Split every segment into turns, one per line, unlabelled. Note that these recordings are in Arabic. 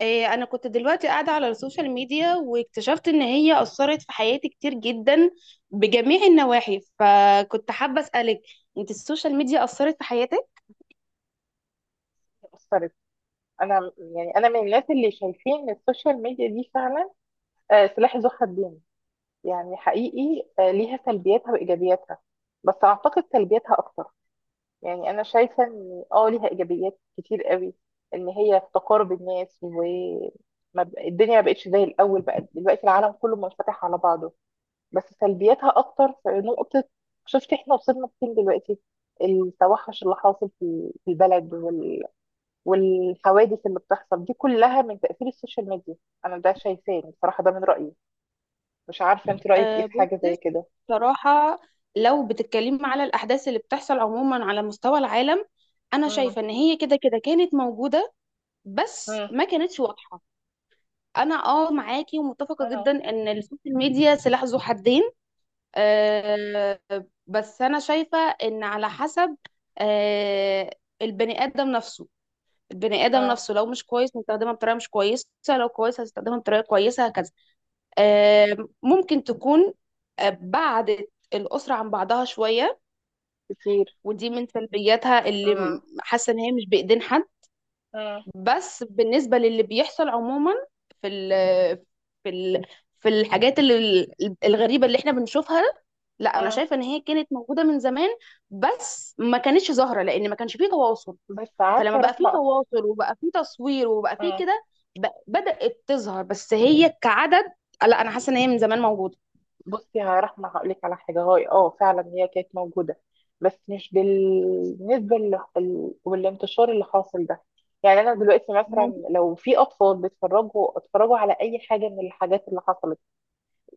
انا كنت دلوقتي قاعده على السوشيال ميديا، واكتشفت ان هي اثرت في حياتي كتير جدا بجميع النواحي، فكنت حابه اسالك: انت السوشيال ميديا اثرت في حياتك؟
أثرت. أنا يعني أنا من الناس اللي شايفين إن السوشيال ميديا دي فعلا سلاح ذو حدين. يعني حقيقي، ليها سلبياتها وإيجابياتها، بس أعتقد سلبياتها أكتر. يعني أنا شايفة إن ليها إيجابيات كتير قوي، إن هي في تقارب الناس، و ما ب- الدنيا ما بقتش زي الأول، بقى دلوقتي العالم كله منفتح على بعضه. بس سلبياتها أكتر في نقطة. شفت إحنا وصلنا فين دلوقتي؟ التوحش اللي حاصل في البلد، والحوادث اللي بتحصل دي كلها من تأثير السوشيال ميديا. انا ده شايفاه بصراحة، ده من رأيي. مش عارفة انت رأيك ايه
أه،
في حاجة
بصي.
زي كده؟
بصراحه، لو بتتكلمي على الاحداث اللي بتحصل عموما على مستوى العالم، انا
مم.
شايفه ان هي كده كده كانت موجوده، بس
مم.
ما كانتش واضحه. انا اه معاكي ومتفقه
مم.
جدا ان السوشيال ميديا سلاح ذو حدين. آه، بس انا شايفه ان على حسب آه، البني ادم نفسه. البني ادم
مم.
نفسه لو مش كويس هستخدمها بطريقه مش كويسه، لو كويس هستخدمها بطريقه كويسه هكذا. آه، ممكن تكون بعدت الاسره عن بعضها شويه،
كتير.
ودي من سلبياتها اللي
مم.
حاسه ان هي مش بايدين حد.
مم.
بس بالنسبه للي بيحصل عموما، في ال في ال في الحاجات اللي الغريبه اللي احنا بنشوفها، لا انا
مم.
شايفه ان هي كانت موجوده من زمان، بس ما كانتش ظاهره لان ما كانش فيه تواصل.
بس عارفة
فلما
يا
بقى فيه
رحمة.
تواصل، وبقى فيه تصوير، وبقى فيه
مم.
كده، بدأت تظهر، بس هي كعدد. لا انا حاسه ان هي من زمان موجوده.
بصي يا رحمة هقولك على حاجة. هاي اه فعلا هي كانت موجودة، بس مش بالنسبة والانتشار اللي حاصل ده. يعني انا دلوقتي مثلا
ممكن.
لو في اطفال بيتفرجوا اتفرجوا على اي حاجة من الحاجات اللي حصلت،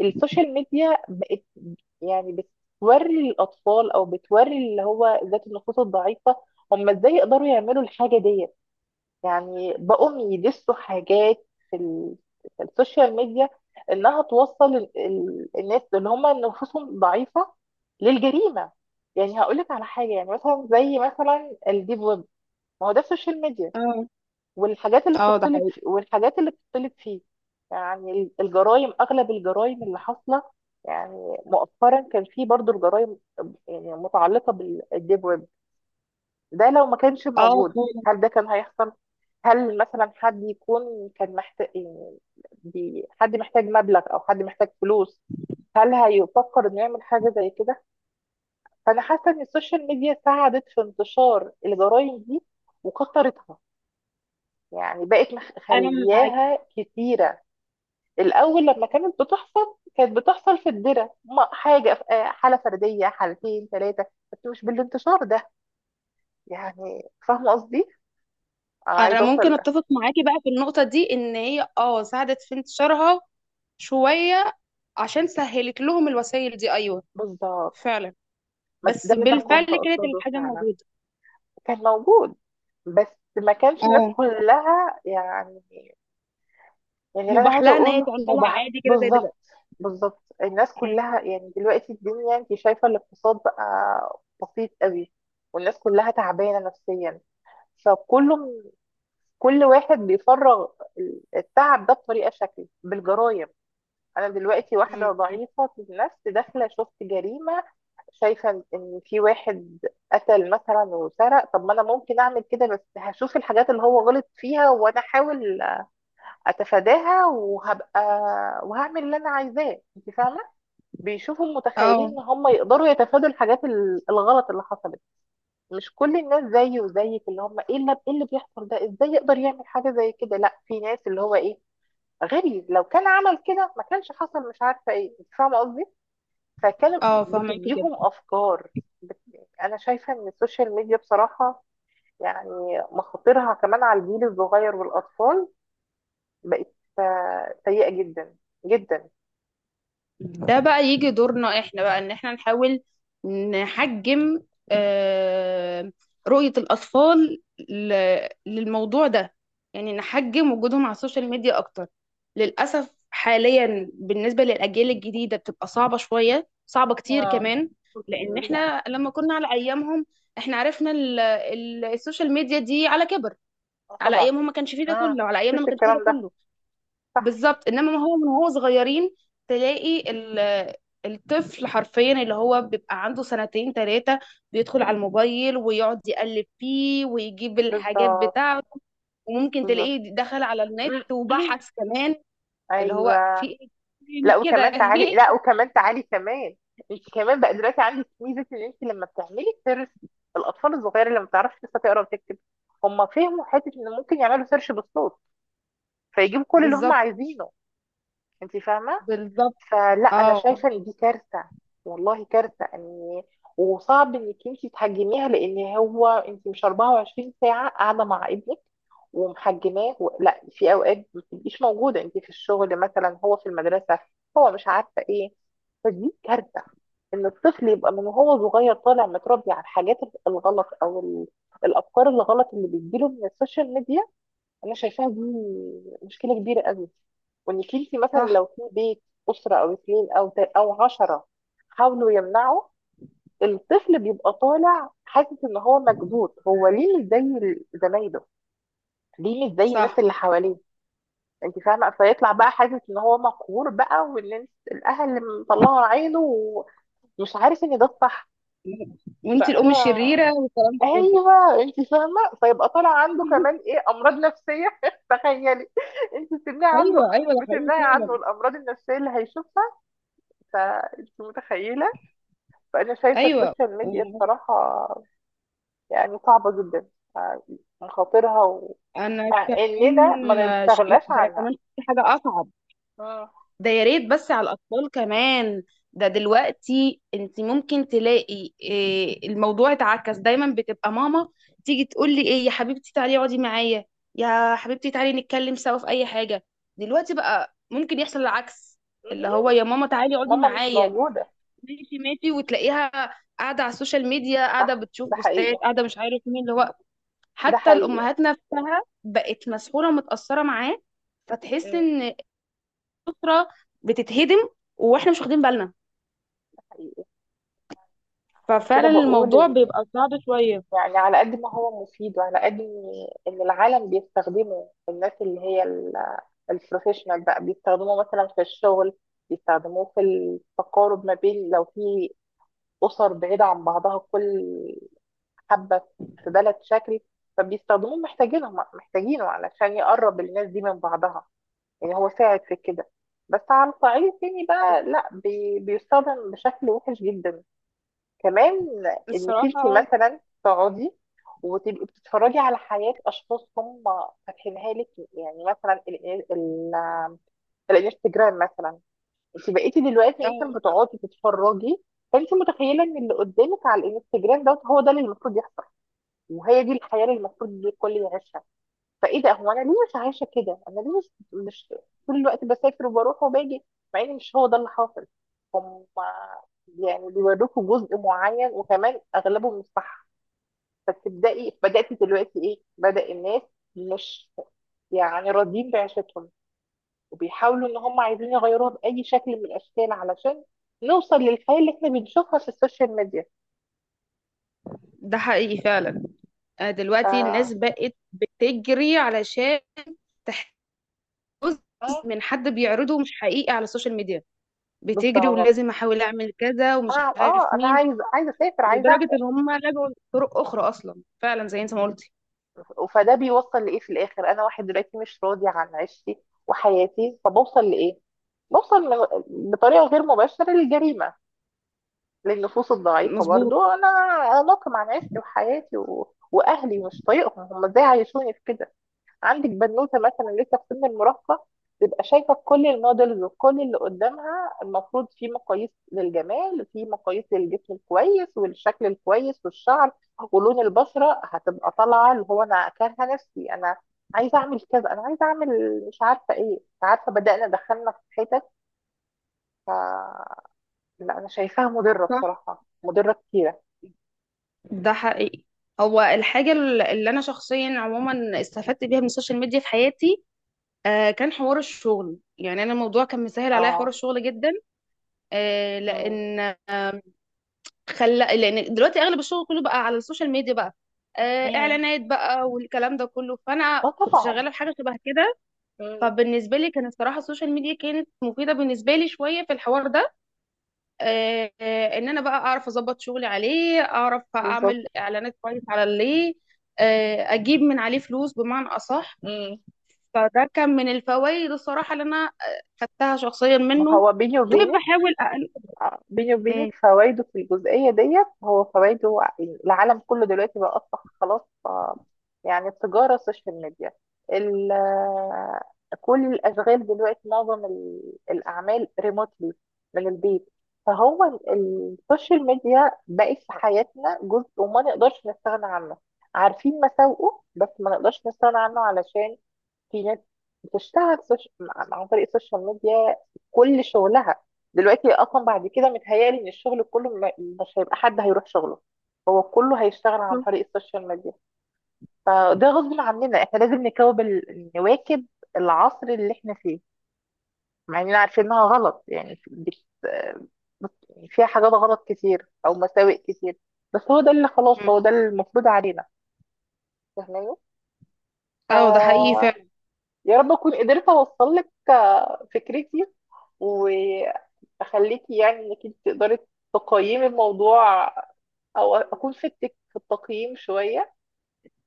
السوشيال ميديا بقت يعني بتوري الأطفال أو بتوري اللي هو ذات النفوس الضعيفة هم إزاي يقدروا يعملوا الحاجة ديت. يعني بقوم يدسوا حاجات في السوشيال ميديا، إنها توصل الناس اللي هم نفوسهم ضعيفة للجريمة. يعني هقولك على حاجة، يعني مثلا زي مثلا الديب ويب، ما هو ده السوشيال ميديا،
اه.
والحاجات اللي
اه، ده
بتطلب
حقيقي.
والحاجات اللي بتطلب فيه. يعني الجرائم، اغلب الجرائم اللي حاصله يعني مؤخرا كان في برضو الجرائم يعني متعلقه بالديب ويب. ده لو ما كانش
اه
موجود،
فعلا.
هل ده كان هيحصل؟ هل مثلا حد يكون كان محتاج يعني، حد محتاج مبلغ او حد محتاج فلوس، هل هيفكر انه يعمل حاجه زي كده؟ فانا حاسه ان السوشيال ميديا ساعدت في انتشار الجرائم دي وكثرتها. يعني بقت
انا معاكي.
مخلياها كتيرة. الأول لما كانت بتحصل كانت بتحصل في الدرة، ما- حاجة ف- آه، حالة فردية، حالتين ثلاثة، بس مش بالانتشار ده. يعني فاهمة قصدي؟ أنا
انا
عايزة أوصل
ممكن اتفق معاكي بقى في النقطه دي، ان هي اه ساعدت في انتشارها شويه، عشان سهلت لهم الوسائل دي. ايوه،
بالظبط.
فعلا، بس
ده اللي أنا فهمك
بالفعل
كنت
كانت
أقصده
الحاجه
فعلا.
موجوده.
كان موجود بس ما كانش الناس
اه،
كلها يعني. يعني اللي انا
مباح
عايزه
لها ان هي
اقوله ما هو،
تعملها عادي كده زي
بالظبط.
دلوقتي.
بالظبط الناس
م-
كلها يعني، دلوقتي الدنيا انت شايفه الاقتصاد بقى بسيط قوي، والناس كلها تعبانه نفسيا. فكله، كل واحد بيفرغ التعب ده بطريقه، شكل بالجرايم. انا دلوقتي واحده
م-
ضعيفه النفس، داخله شفت جريمه، شايفه ان في واحد قتل مثلا وسرق. طب ما انا ممكن اعمل كده، بس هشوف الحاجات اللي هو غلط فيها وانا احاول اتفاداها، وهبقى وهعمل اللي انا عايزاه، انت فاهمه. بيشوفوا متخيلين
اه.
ان هم يقدروا يتفادوا الحاجات الغلط اللي حصلت. مش كل الناس زيي وزيك اللي هم ايه، اللي إيه اللي بيحصل ده ازاي يقدر يعمل حاجه زي كده؟ لا، في ناس اللي هو ايه، غبي لو كان عمل كده ما كانش حصل، مش عارفه ايه. انت فاهمه قصدي؟ فكان
اه، فهماكي كده.
بتديهم افكار. بت... انا شايفه ان السوشيال ميديا بصراحه يعني مخاطرها كمان على الجيل الصغير والاطفال بقت سيئه جدا جدا.
ده بقى يجي دورنا احنا بقى، ان احنا نحاول نحجم آه، رؤية الاطفال للموضوع ده. يعني نحجم وجودهم على السوشيال ميديا اكتر. للاسف حاليا بالنسبة للاجيال الجديدة بتبقى صعبة شوية، صعبة كتير
اه
كمان، لان
الأسبوع.
احنا لما كنا على ايامهم، احنا عرفنا السوشيال ميديا دي على كبر. على
طبعا.
ايامهم ما كانش فيه ده
اه
كله، على ايامنا ما
مفيش
كانش فيه ده
الكلام ده.
كله.
صح.
بالظبط، انما ما هو من هو صغيرين تلاقي الطفل حرفيا اللي هو بيبقى عنده سنتين ثلاثة بيدخل على الموبايل، ويقعد يقلب فيه، ويجيب الحاجات
بالظبط.
بتاعته. وممكن
بالظبط.
تلاقيه دخل على النت
م-
وبحث كمان اللي هو في
ايوه.
إيه؟ في إيه؟
لا
مش كده؟
وكمان
في
تعالي، لا
إيه؟
وكمان تعالي كمان. انت كمان بقى دلوقتي عندك ميزه ان انت لما بتعملي سيرش، الاطفال الصغيره اللي ما بتعرفش لسه تقرا وتكتب هم فهموا حته ان ممكن يعملوا سيرش بالصوت، فيجيبوا كل اللي هم
بالظبط.
عايزينه. انت فاهمه.
بالظبط.
فلا انا
اه.
شايفه ان دي كارثه. والله كارثه، ان وصعب انك انت تحجميها، لان هو انت مش 24 ساعه قاعده مع ابنك ومحجماه لا، في اوقات ما بتبقيش موجوده، انت في الشغل مثلا، هو في المدرسه، هو مش عارفه ايه. فدي كارثه ان الطفل يبقى من وهو صغير طالع متربي على الحاجات الغلط او الافكار الغلط اللي بتجيله من السوشيال ميديا. انا شايفاها دي مشكله كبيره قوي. وانك انت مثلا لو
صح.
في بيت اسره او اثنين او عشره حاولوا يمنعوا، الطفل بيبقى طالع حاسس ان هو مكبوت، هو ليه مش زي زمايله، ليه مش زي الناس
صح.
اللي حواليه. انت فاهمه، فيطلع بقى حاسس ان هو مقهور بقى، وان الاهل مطلعوا عينه ومش عارف ان ده الصح.
وانت
فانا،
الام الشريره والكلام ده كله.
ايوه انت فاهمه، فيبقى طالع عنده كمان ايه، امراض نفسيه تخيلي، انت بتمنعي عنه،
ايوه، ايوه، ده حقيقي
بتمنعي عنه
فعلا.
الامراض النفسيه اللي هيشوفها. فانت متخيله. فانا شايفه
ايوه.
السوشيال ميديا بصراحه يعني صعبه جدا. يعني مخاطرها
انا
مع
كمان،
اننا ما نستغناش
لا ده انا
عنها.
كمان في حاجه اصعب.
مم.
ده يا ريت بس على الاطفال كمان. ده دلوقتي انت ممكن تلاقي إيه، الموضوع اتعكس. دايما بتبقى ماما تيجي تقول لي: ايه يا حبيبتي، تعالي اقعدي معايا، يا حبيبتي تعالي نتكلم سوا في اي حاجه. دلوقتي بقى ممكن يحصل العكس، اللي هو:
مهم.
يا ماما تعالي اقعدي
ماما مش
معايا.
موجوده.
ماشي ماشي، وتلاقيها قاعده على السوشيال ميديا، قاعده بتشوف
ده
بوستات،
حقيقي.
قاعده مش عارف مين اللي هو.
ده
حتى
حقيقي.
الأمهات نفسها بقت مسحولة ومتأثرة معاه. فتحس
مم.
إن الأسرة بتتهدم، وإحنا مش
مم.
واخدين بالنا.
ده حقيقي. عشان كده
ففعلا
بقول،
الموضوع بيبقى صعب شوية.
يعني على قد ما هو مفيد، وعلى قد ان العالم بيستخدمه، الناس اللي هي البروفيشنال بقى بيستخدموه مثلا في الشغل، بيستخدموه في التقارب، ما بين لو في أسر بعيدة عن بعضها، كل حبة في بلد شكل، فبيستخدموه، محتاجينهم محتاجينه علشان يقرب الناس دي من بعضها. يعني هو ساعد في كده. بس على الصعيد التاني بقى لا، بيستخدم بشكل وحش جدا كمان. انك
الصراحة
انت
اه.
مثلا تقعدي وتبقي بتتفرجي على حياة اشخاص هم فاتحينها لك، يعني مثلا ال ال الانستجرام مثلا. انت بقيتي دلوقتي مثلا
آه،
بتقعدي تتفرجي، فانت متخيلة ان اللي قدامك على الانستجرام دوت هو ده اللي المفروض يحصل، وهي دي الحياة اللي المفروض الكل يعيشها. فايه ده، هو انا ليه مش عايشه كده، انا ليه مش طول الوقت بسافر وبروح وباجي، مع ان مش هو ده اللي حاصل. هم يعني بيوروكوا جزء معين وكمان اغلبه مش صح. فتبداي بداتي دلوقتي ايه، بدا الناس مش يعني راضيين بعيشتهم، وبيحاولوا ان هم عايزين يغيروها باي شكل من الاشكال علشان نوصل للحياه اللي احنا بنشوفها في السوشيال ميديا.
ده حقيقي فعلا.
ف
دلوقتي الناس بقت بتجري علشان تحتفظ
آه،
من حد بيعرضه مش حقيقي على السوشيال ميديا. بتجري،
بالظبط.
ولازم احاول اعمل كذا ومش
انا
عارف
اه انا
مين.
عايزه اسافر، عايزه.
لدرجة ان هم لجوا لطرق اخرى اصلا، فعلا زي انت ما قلتي.
فده بيوصل لايه في الاخر؟ انا واحد دلوقتي مش راضي عن عيشتي وحياتي، فبوصل لايه؟ بوصل بطريقه غير مباشره للجريمه، للنفوس الضعيفه
مظبوط.
برضو. انا اناقم عن عيشتي وحياتي واهلي مش طايقهم، هم ازاي عايشوني في كده. عندك بنوته مثلا لسه في سن المراهقه، تبقى شايفه كل المودلز وكل اللي قدامها، المفروض في مقاييس للجمال، في مقاييس للجسم الكويس والشكل الكويس والشعر ولون البشره، هتبقى طالعه اللي هو انا كارهه نفسي، انا عايزه اعمل كذا، انا عايزه اعمل، مش عارفه ايه، مش عارفه، بدانا دخلنا في حتت. ف... لا انا شايفاها مضره بصراحه، مضره كتيره.
ده حقيقي. هو الحاجة اللي أنا شخصيا عموما استفدت بيها من السوشيال ميديا في حياتي آه كان حوار الشغل. يعني أنا الموضوع كان مسهل عليا حوار
اه.
الشغل جدا، آه،
مم.
لأن خلى، لأن دلوقتي أغلب الشغل كله بقى على السوشيال ميديا بقى. آه،
مم.
إعلانات بقى والكلام ده كله، فأنا
اه
كنت
طبعا.
شغالة في حاجة شبه كده.
مم.
فبالنسبة لي كانت الصراحة السوشيال ميديا كانت مفيدة بالنسبة لي شوية في الحوار ده. ان انا بقى اعرف اظبط شغلي عليه، اعرف
بالظبط.
اعمل اعلانات كويس على اللي اجيب من عليه فلوس بمعنى اصح.
مم.
فده كان من الفوائد الصراحه اللي انا خدتها شخصيا
ما
منه.
هو بيني وبينك،
وبحاول أقل...
بيني
مم.
وبينك فوائده في الجزئية ديت. هو فوائده العالم كله دلوقتي بقى أصبح خلاص، يعني التجارة السوشيال ميديا، ال- آه، كل الأشغال دلوقتي، معظم الأعمال ريموتلي من البيت. فهو السوشيال ميديا بقت في حياتنا جزء وما نقدرش نستغنى عنه. عارفين مساوئه بس ما نقدرش نستغنى عنه، علشان في ناس بتشتغل عن طريق السوشيال ميديا كل شغلها. دلوقتي اصلا بعد كده متهيألي ان الشغل كله مش هيبقى حد هيروح شغله، هو كله هيشتغل عن
مم.
طريق السوشيال ميديا. فده غصب عننا، احنا لازم نواكب العصر اللي احنا فيه، مع اننا عارفين انها غلط، يعني فيها حاجات غلط كتير او مساوئ كتير، بس هو ده اللي خلاص، هو ده المفروض علينا، فاهماني.
اه ده حقيقي
ف،
فعلا.
يا رب اكون قدرت اوصل لك فكرتي، واخليكي يعني انك انت تقدري تقيمي الموضوع، او اكون فدتك في التقييم شويه.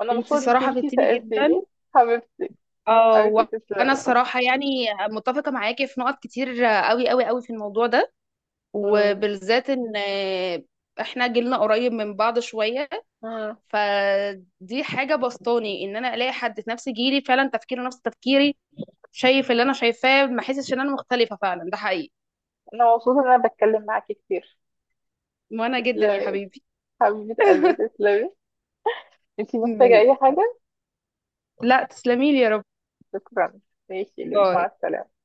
وانا
انت
مبسوطه انك
صراحه
انت
فدتيني
سالتيني.
جدا.
حبيبتي.
اه،
حبيبتي
وانا
تسلمي.
الصراحه يعني متفقه معاكي في نقط كتير قوي قوي قوي في الموضوع ده،
مم.
وبالذات ان احنا جيلنا قريب من بعض شويه.
مم.
فدي حاجة بسطاني، ان انا الاقي حد في نفس جيلي فعلا تفكيره نفس تفكيري، شايف اللي انا شايفاه، ما احسش ان انا مختلفة. فعلا ده حقيقي.
انا مبسوطه ان انا بتكلم معاكي كتير.
وانا جدا يا
تسلمي.
حبيبي.
حبيبه قلبي تسلمي. انت محتاجه
مم.
اي حاجه؟
لا، تسلمي لي يا رب.
شكرا. ماشي لولو. مع
باي.
السلامه.